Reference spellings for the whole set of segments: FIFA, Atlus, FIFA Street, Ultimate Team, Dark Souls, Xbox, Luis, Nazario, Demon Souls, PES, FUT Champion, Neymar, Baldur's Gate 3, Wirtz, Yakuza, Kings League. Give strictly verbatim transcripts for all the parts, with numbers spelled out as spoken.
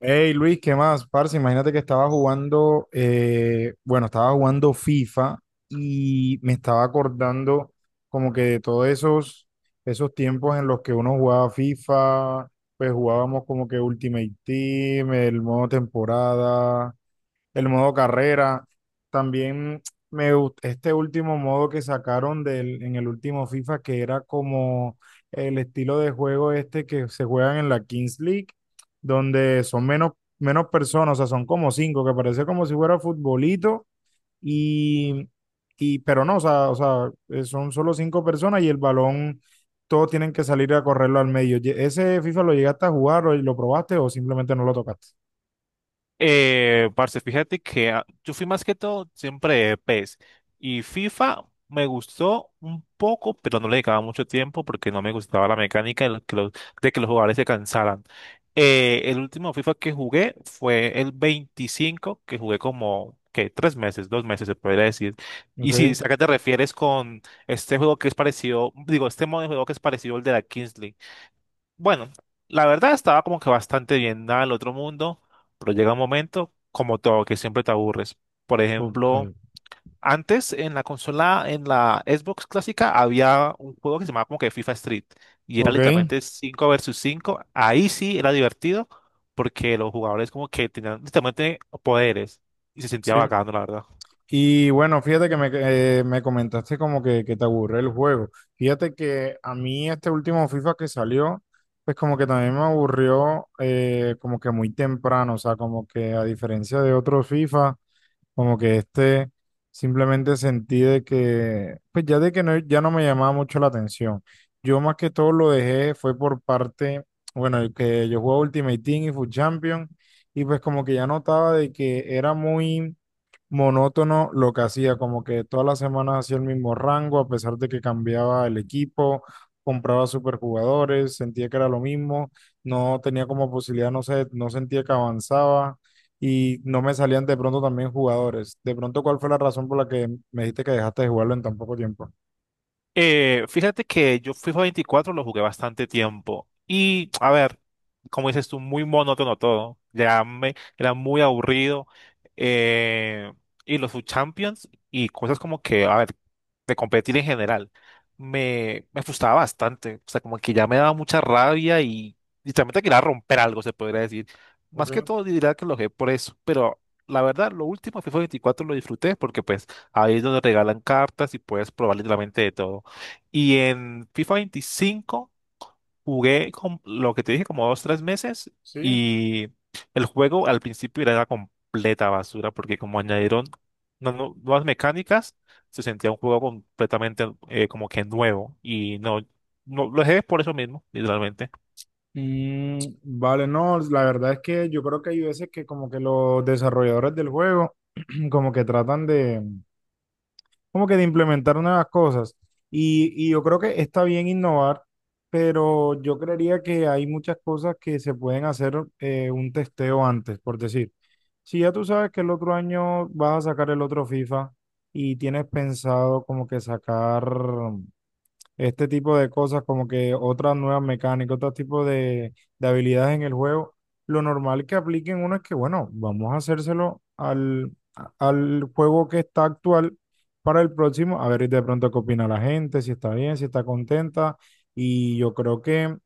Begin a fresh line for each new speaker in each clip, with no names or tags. Hey Luis, ¿qué más? Parce, imagínate que estaba jugando, eh, bueno, estaba jugando FIFA y me estaba acordando como que de todos esos, esos tiempos en los que uno jugaba FIFA. Pues jugábamos como que Ultimate Team, el modo temporada, el modo carrera. También me gust- este último modo que sacaron del, en el último FIFA, que era como el estilo de juego este que se juegan en la Kings League, donde son menos, menos personas. O sea, son como cinco, que parece como si fuera futbolito, y, y pero no, o sea, o sea, eh, son solo cinco personas y el balón, todos tienen que salir a correrlo al medio. Ye- ¿Ese FIFA lo llegaste a jugar o lo probaste o simplemente no lo tocaste?
Eh, parce, fíjate que ah, yo fui más que todo siempre de PES y FIFA me gustó un poco, pero no le dedicaba mucho tiempo porque no me gustaba la mecánica de, lo- que los de que los jugadores se cansaran. Eh, el último FIFA que jugué fue el veinticinco, que jugué como, que Tres meses, dos meses se podría decir. Y
Ok,
si acá te refieres con este juego que es parecido, digo, este modo de juego que es parecido al de la Kings, bueno, la verdad estaba como que bastante bien, nada del otro mundo, pero llega un momento, como todo, que siempre te aburres. Por
ok,
ejemplo, antes en la consola, en la Xbox clásica, había un juego que se llamaba como que FIFA Street y era
ok.
literalmente cinco versus cinco. Ahí sí era divertido porque los jugadores como que tenían literalmente poderes y se sentía
Sí,
bacano, la verdad.
y bueno, fíjate que me, eh, me comentaste como que, que te aburre el juego. Fíjate que a mí este último FIFA que salió, pues como que también me aburrió eh, como que muy temprano. O sea, como que a diferencia de otros FIFA, como que este simplemente sentí de que, pues ya de que no, ya no me llamaba mucho la atención. Yo más que todo lo dejé fue por parte, bueno, el que yo jugaba Ultimate Team y FUT Champion, y pues como que ya notaba de que era muy monótono lo que hacía, como que todas las semanas hacía el mismo rango, a pesar de que cambiaba el equipo, compraba superjugadores, sentía que era lo mismo, no tenía como posibilidad, no sé, no sentía que avanzaba y no me salían de pronto también jugadores. De pronto, ¿cuál fue la razón por la que me dijiste que dejaste de jugarlo en tan poco tiempo?
Eh, fíjate que yo FIFA veinticuatro lo jugué bastante tiempo y, a ver, como dices tú, muy monótono todo, ya me, era muy aburrido, eh, y los subchampions y cosas como que, a ver, de competir en general, me, me frustraba bastante, o sea, como que ya me daba mucha rabia y literalmente quería romper algo, se podría decir.
Ok,
Más que todo diría que lo jugué por eso, pero la verdad, lo último FIFA veinticuatro lo disfruté porque pues ahí es donde regalan cartas y puedes probar literalmente de todo. Y en FIFA veinticinco jugué con lo que te dije como dos, tres meses
sí.
y el juego al principio era una completa basura porque como añadieron unas nu- nuevas mecánicas, se sentía un juego completamente, eh, como que nuevo y no, no lo dejé por eso mismo, literalmente.
Mm, vale, no, la verdad es que yo creo que hay veces que como que los desarrolladores del juego como que tratan de como que de implementar nuevas cosas. Y, y yo creo que está bien innovar, pero yo creería que hay muchas cosas que se pueden hacer eh, un testeo antes, por decir. Si ya tú sabes que el otro año vas a sacar el otro FIFA y tienes pensado como que sacar este tipo de cosas, como que otras nuevas mecánicas, otro tipo de, de habilidades en el juego, lo normal que apliquen uno es que, bueno, vamos a hacérselo al, a- al juego que está actual para el próximo, a ver de pronto qué opina la gente, si está bien, si está contenta, y yo creo que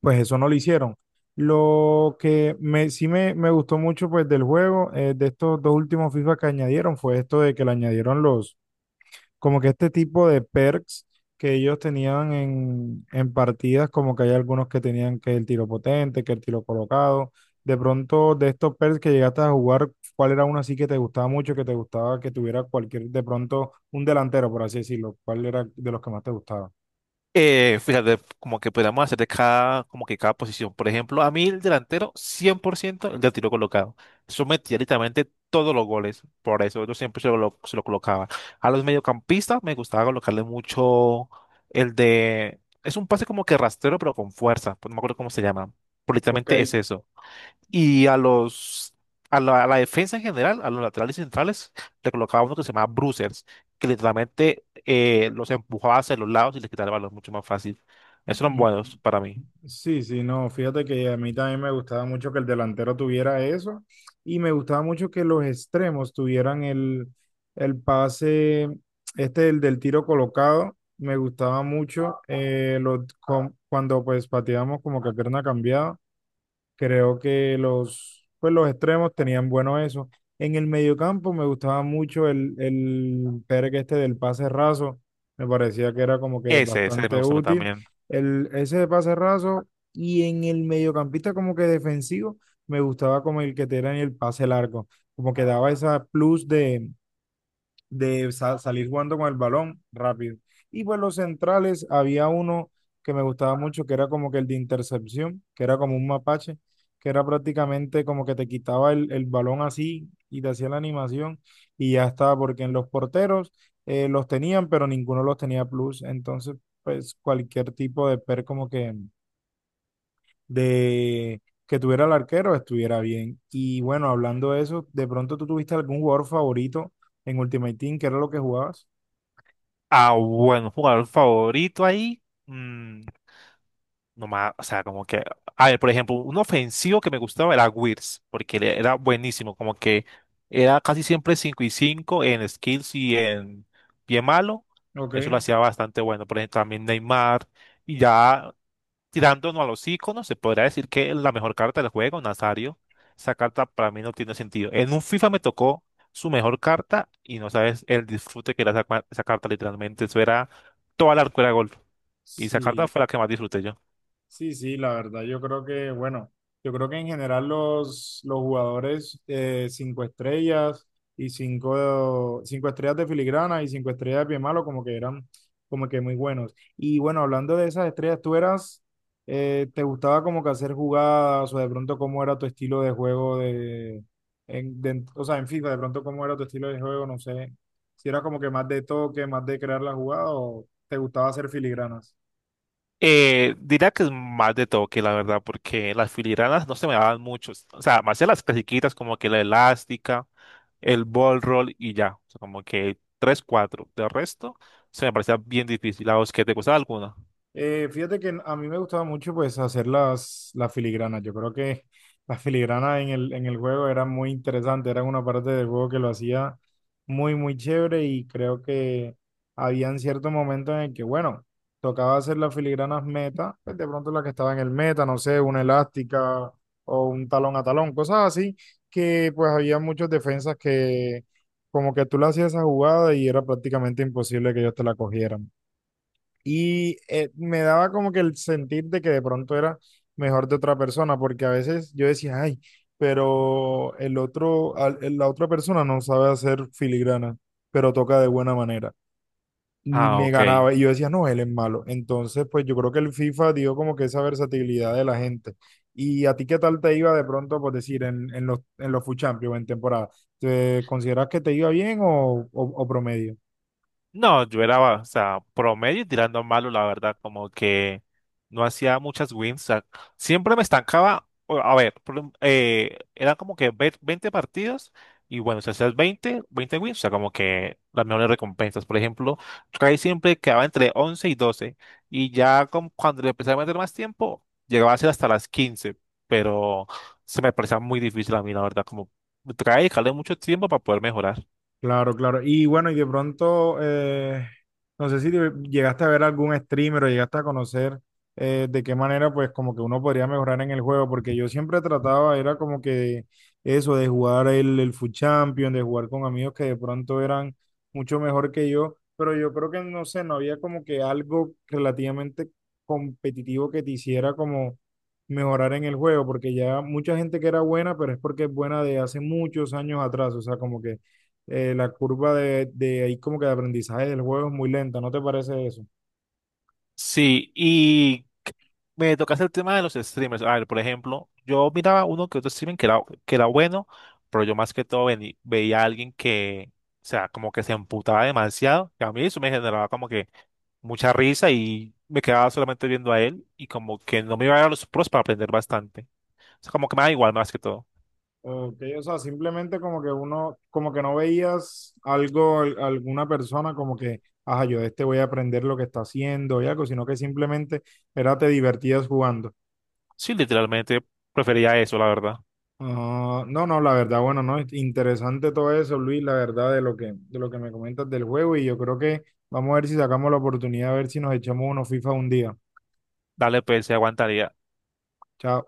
pues eso no lo hicieron. Lo que me, sí me, me gustó mucho pues del juego, eh, de estos dos últimos FIFA que añadieron, fue esto de que le añadieron los como que este tipo de perks que ellos tenían en, en partidas, como que hay algunos que tenían que el tiro potente, que el tiro colocado. De pronto, de estos perks que llegaste a jugar, ¿cuál era uno así que te gustaba mucho, que te gustaba que tuviera cualquier, de pronto, un delantero, por así decirlo? ¿Cuál era de los que más te gustaba?
Eh, fíjate, como que podríamos hacer de cada, como que cada posición. Por ejemplo, a mí el delantero, cien por ciento el de tiro colocado. Eso metía literalmente todos los goles. Por eso yo siempre se lo, se lo colocaba. A los mediocampistas me gustaba colocarle mucho el de Es un pase como que rastrero, pero con fuerza. Pues no me acuerdo cómo se llama. Pero
Ok.
literalmente es eso. Y a los a la, a la defensa en general, a los laterales y centrales, le colocaba uno que se llamaba bruisers, que literalmente, eh, los empujaba hacia los lados y les quitaba el balón mucho más fácil. Esos eran buenos para mí.
Sí, sí, no, fíjate que a mí también me gustaba mucho que el delantero tuviera eso y me gustaba mucho que los extremos tuvieran el, el pase, este el del tiro colocado. Me gustaba mucho eh, lo- con- cuando pues pateábamos como que a pierna cambiada. Creo que los, pues los extremos tenían bueno eso. En el mediocampo me gustaba mucho el, el Pérez este del pase raso. Me parecía que era como que
Ese, ese me
bastante
gusta a mí
útil.
también.
El, ese de pase raso y en el mediocampista como que defensivo me gustaba como el que te era en el pase largo. Como que daba esa plus de, de sa- salir jugando con el balón rápido. Y pues los centrales, había uno que me gustaba mucho, que era como que el de intercepción, que era como un mapache, que era prácticamente como que te quitaba el, el balón así y te hacía la animación y ya estaba, porque en los porteros eh, los tenían, pero ninguno los tenía plus. Entonces, pues cualquier tipo de per como que de que tuviera el arquero estuviera bien. Y bueno, hablando de eso, de pronto tú tuviste algún jugador favorito en Ultimate Team, ¿qué era lo que jugabas?
Ah, bueno, jugador favorito ahí. mm, Nomás, o sea, como que, a ver, por ejemplo, un ofensivo que me gustaba era Wirtz, porque le- era buenísimo, como que era casi siempre cinco y cinco en skills y en pie malo,
Ok,
eso lo hacía bastante bueno, por ejemplo, también Neymar, y ya tirándonos a los iconos, se podría decir que la mejor carta del juego, Nazario, esa carta para mí no tiene sentido. En un FIFA me tocó su mejor carta y no sabes el disfrute que era esa, cua- esa carta, literalmente, eso era toda la arcuera de gol, y esa carta
sí,
fue la que más disfruté yo.
sí, sí, la verdad, yo creo que, bueno, yo creo que en general los, los jugadores eh, cinco estrellas y cinco, cinco estrellas de filigrana y cinco estrellas de pie malo como que eran como que muy buenos. Y bueno, hablando de esas estrellas, tú eras, eh, ¿te gustaba como que hacer jugadas o de pronto cómo era tu estilo de juego de, en, de- o sea, en FIFA, de pronto cómo era tu estilo de juego, no sé, si era como que más de toque, más de crear la jugada o te gustaba hacer filigranas?
Eh, diría que es más de toque, la verdad, porque las filigranas no se me daban mucho. O sea, me hacía las clasiquitas como que la elástica, el ball roll y ya. O sea, como que tres, cuatro. De resto, se me parecía bien difícil. ¿A vos qué te gustaba alguna?
Eh, fíjate que a mí me gustaba mucho pues hacer las, las filigranas. Yo creo que las filigranas en el, en el juego eran muy interesantes, eran una parte del juego que lo hacía muy, muy chévere y creo que habían ciertos momentos en el que, bueno, tocaba hacer las filigranas meta, pues de pronto las que estaban en el meta, no sé, una elástica o un talón a talón, cosas así, que pues había muchas defensas que como que tú le hacías esa jugada y era prácticamente imposible que ellos te la cogieran y eh, me daba como que el sentir de que de pronto era mejor de otra persona, porque a veces yo decía, ay, pero el otro, al- el- la otra persona no sabe hacer filigrana, pero toca de buena manera. Y
Ah,
me
ok.
ganaba, y yo decía, no, él es malo. Entonces, pues yo creo que el FIFA dio como que esa versatilidad de la gente. ¿Y a ti qué tal te iba de pronto, por decir, en, en los, en los FUT Champions, en temporada? ¿Te consideras que te iba bien o, o o promedio?
No, yo era, o sea, promedio y tirando a malo, la verdad, como que no hacía muchas wins. O sea, siempre me estancaba, o- a ver, por un- eh, eran como que ve- veinte partidos y bueno, si hacías veinte, veinte wins, o sea, como que las mejores recompensas. Por ejemplo, Trey siempre quedaba entre once y doce y ya con- cuando le empecé a meter más tiempo, llegaba a ser hasta las quince, pero se me parecía muy difícil a mí, la verdad, como Try y dejarle mucho tiempo para poder mejorar.
Claro, claro. Y bueno, y de pronto, eh, no sé si te- llegaste a ver algún streamer o llegaste a conocer eh, de qué manera, pues como que uno podría mejorar en el juego, porque yo siempre trataba, era como que eso, de jugar el, el FUT Champion, de jugar con amigos que de pronto eran mucho mejor que yo, pero yo creo que, no sé, no había como que algo relativamente competitivo que te hiciera como mejorar en el juego, porque ya mucha gente que era buena, pero es porque es buena de hace muchos años atrás, o sea, como que eh, la curva de, de ahí como que de aprendizaje del juego es muy lenta, ¿no te parece eso?
Sí, y me tocaste el tema de los streamers. A ver, por ejemplo, yo miraba uno que otro streaming que era, que era bueno, pero yo más que todo veni- veía a alguien que, o sea, como que se emputaba demasiado. Que a mí eso me generaba como que mucha risa y me quedaba solamente viendo a él y como que no me iba a dar los pros para aprender bastante. O sea, como que me da igual más que todo.
Ok, o sea, simplemente como que uno, como que no veías algo, al- alguna persona como que, ajá, yo de este voy a aprender lo que está haciendo y algo, sino que simplemente era te divertías jugando.
Sí, literalmente prefería eso, la verdad.
Ah, no, no, la verdad, bueno, no, es interesante todo eso, Luis, la verdad de lo que, de lo que me comentas del juego y yo creo que vamos a ver si sacamos la oportunidad, a ver si nos echamos unos FIFA un día.
Dale, pues, se aguantaría.
Chao.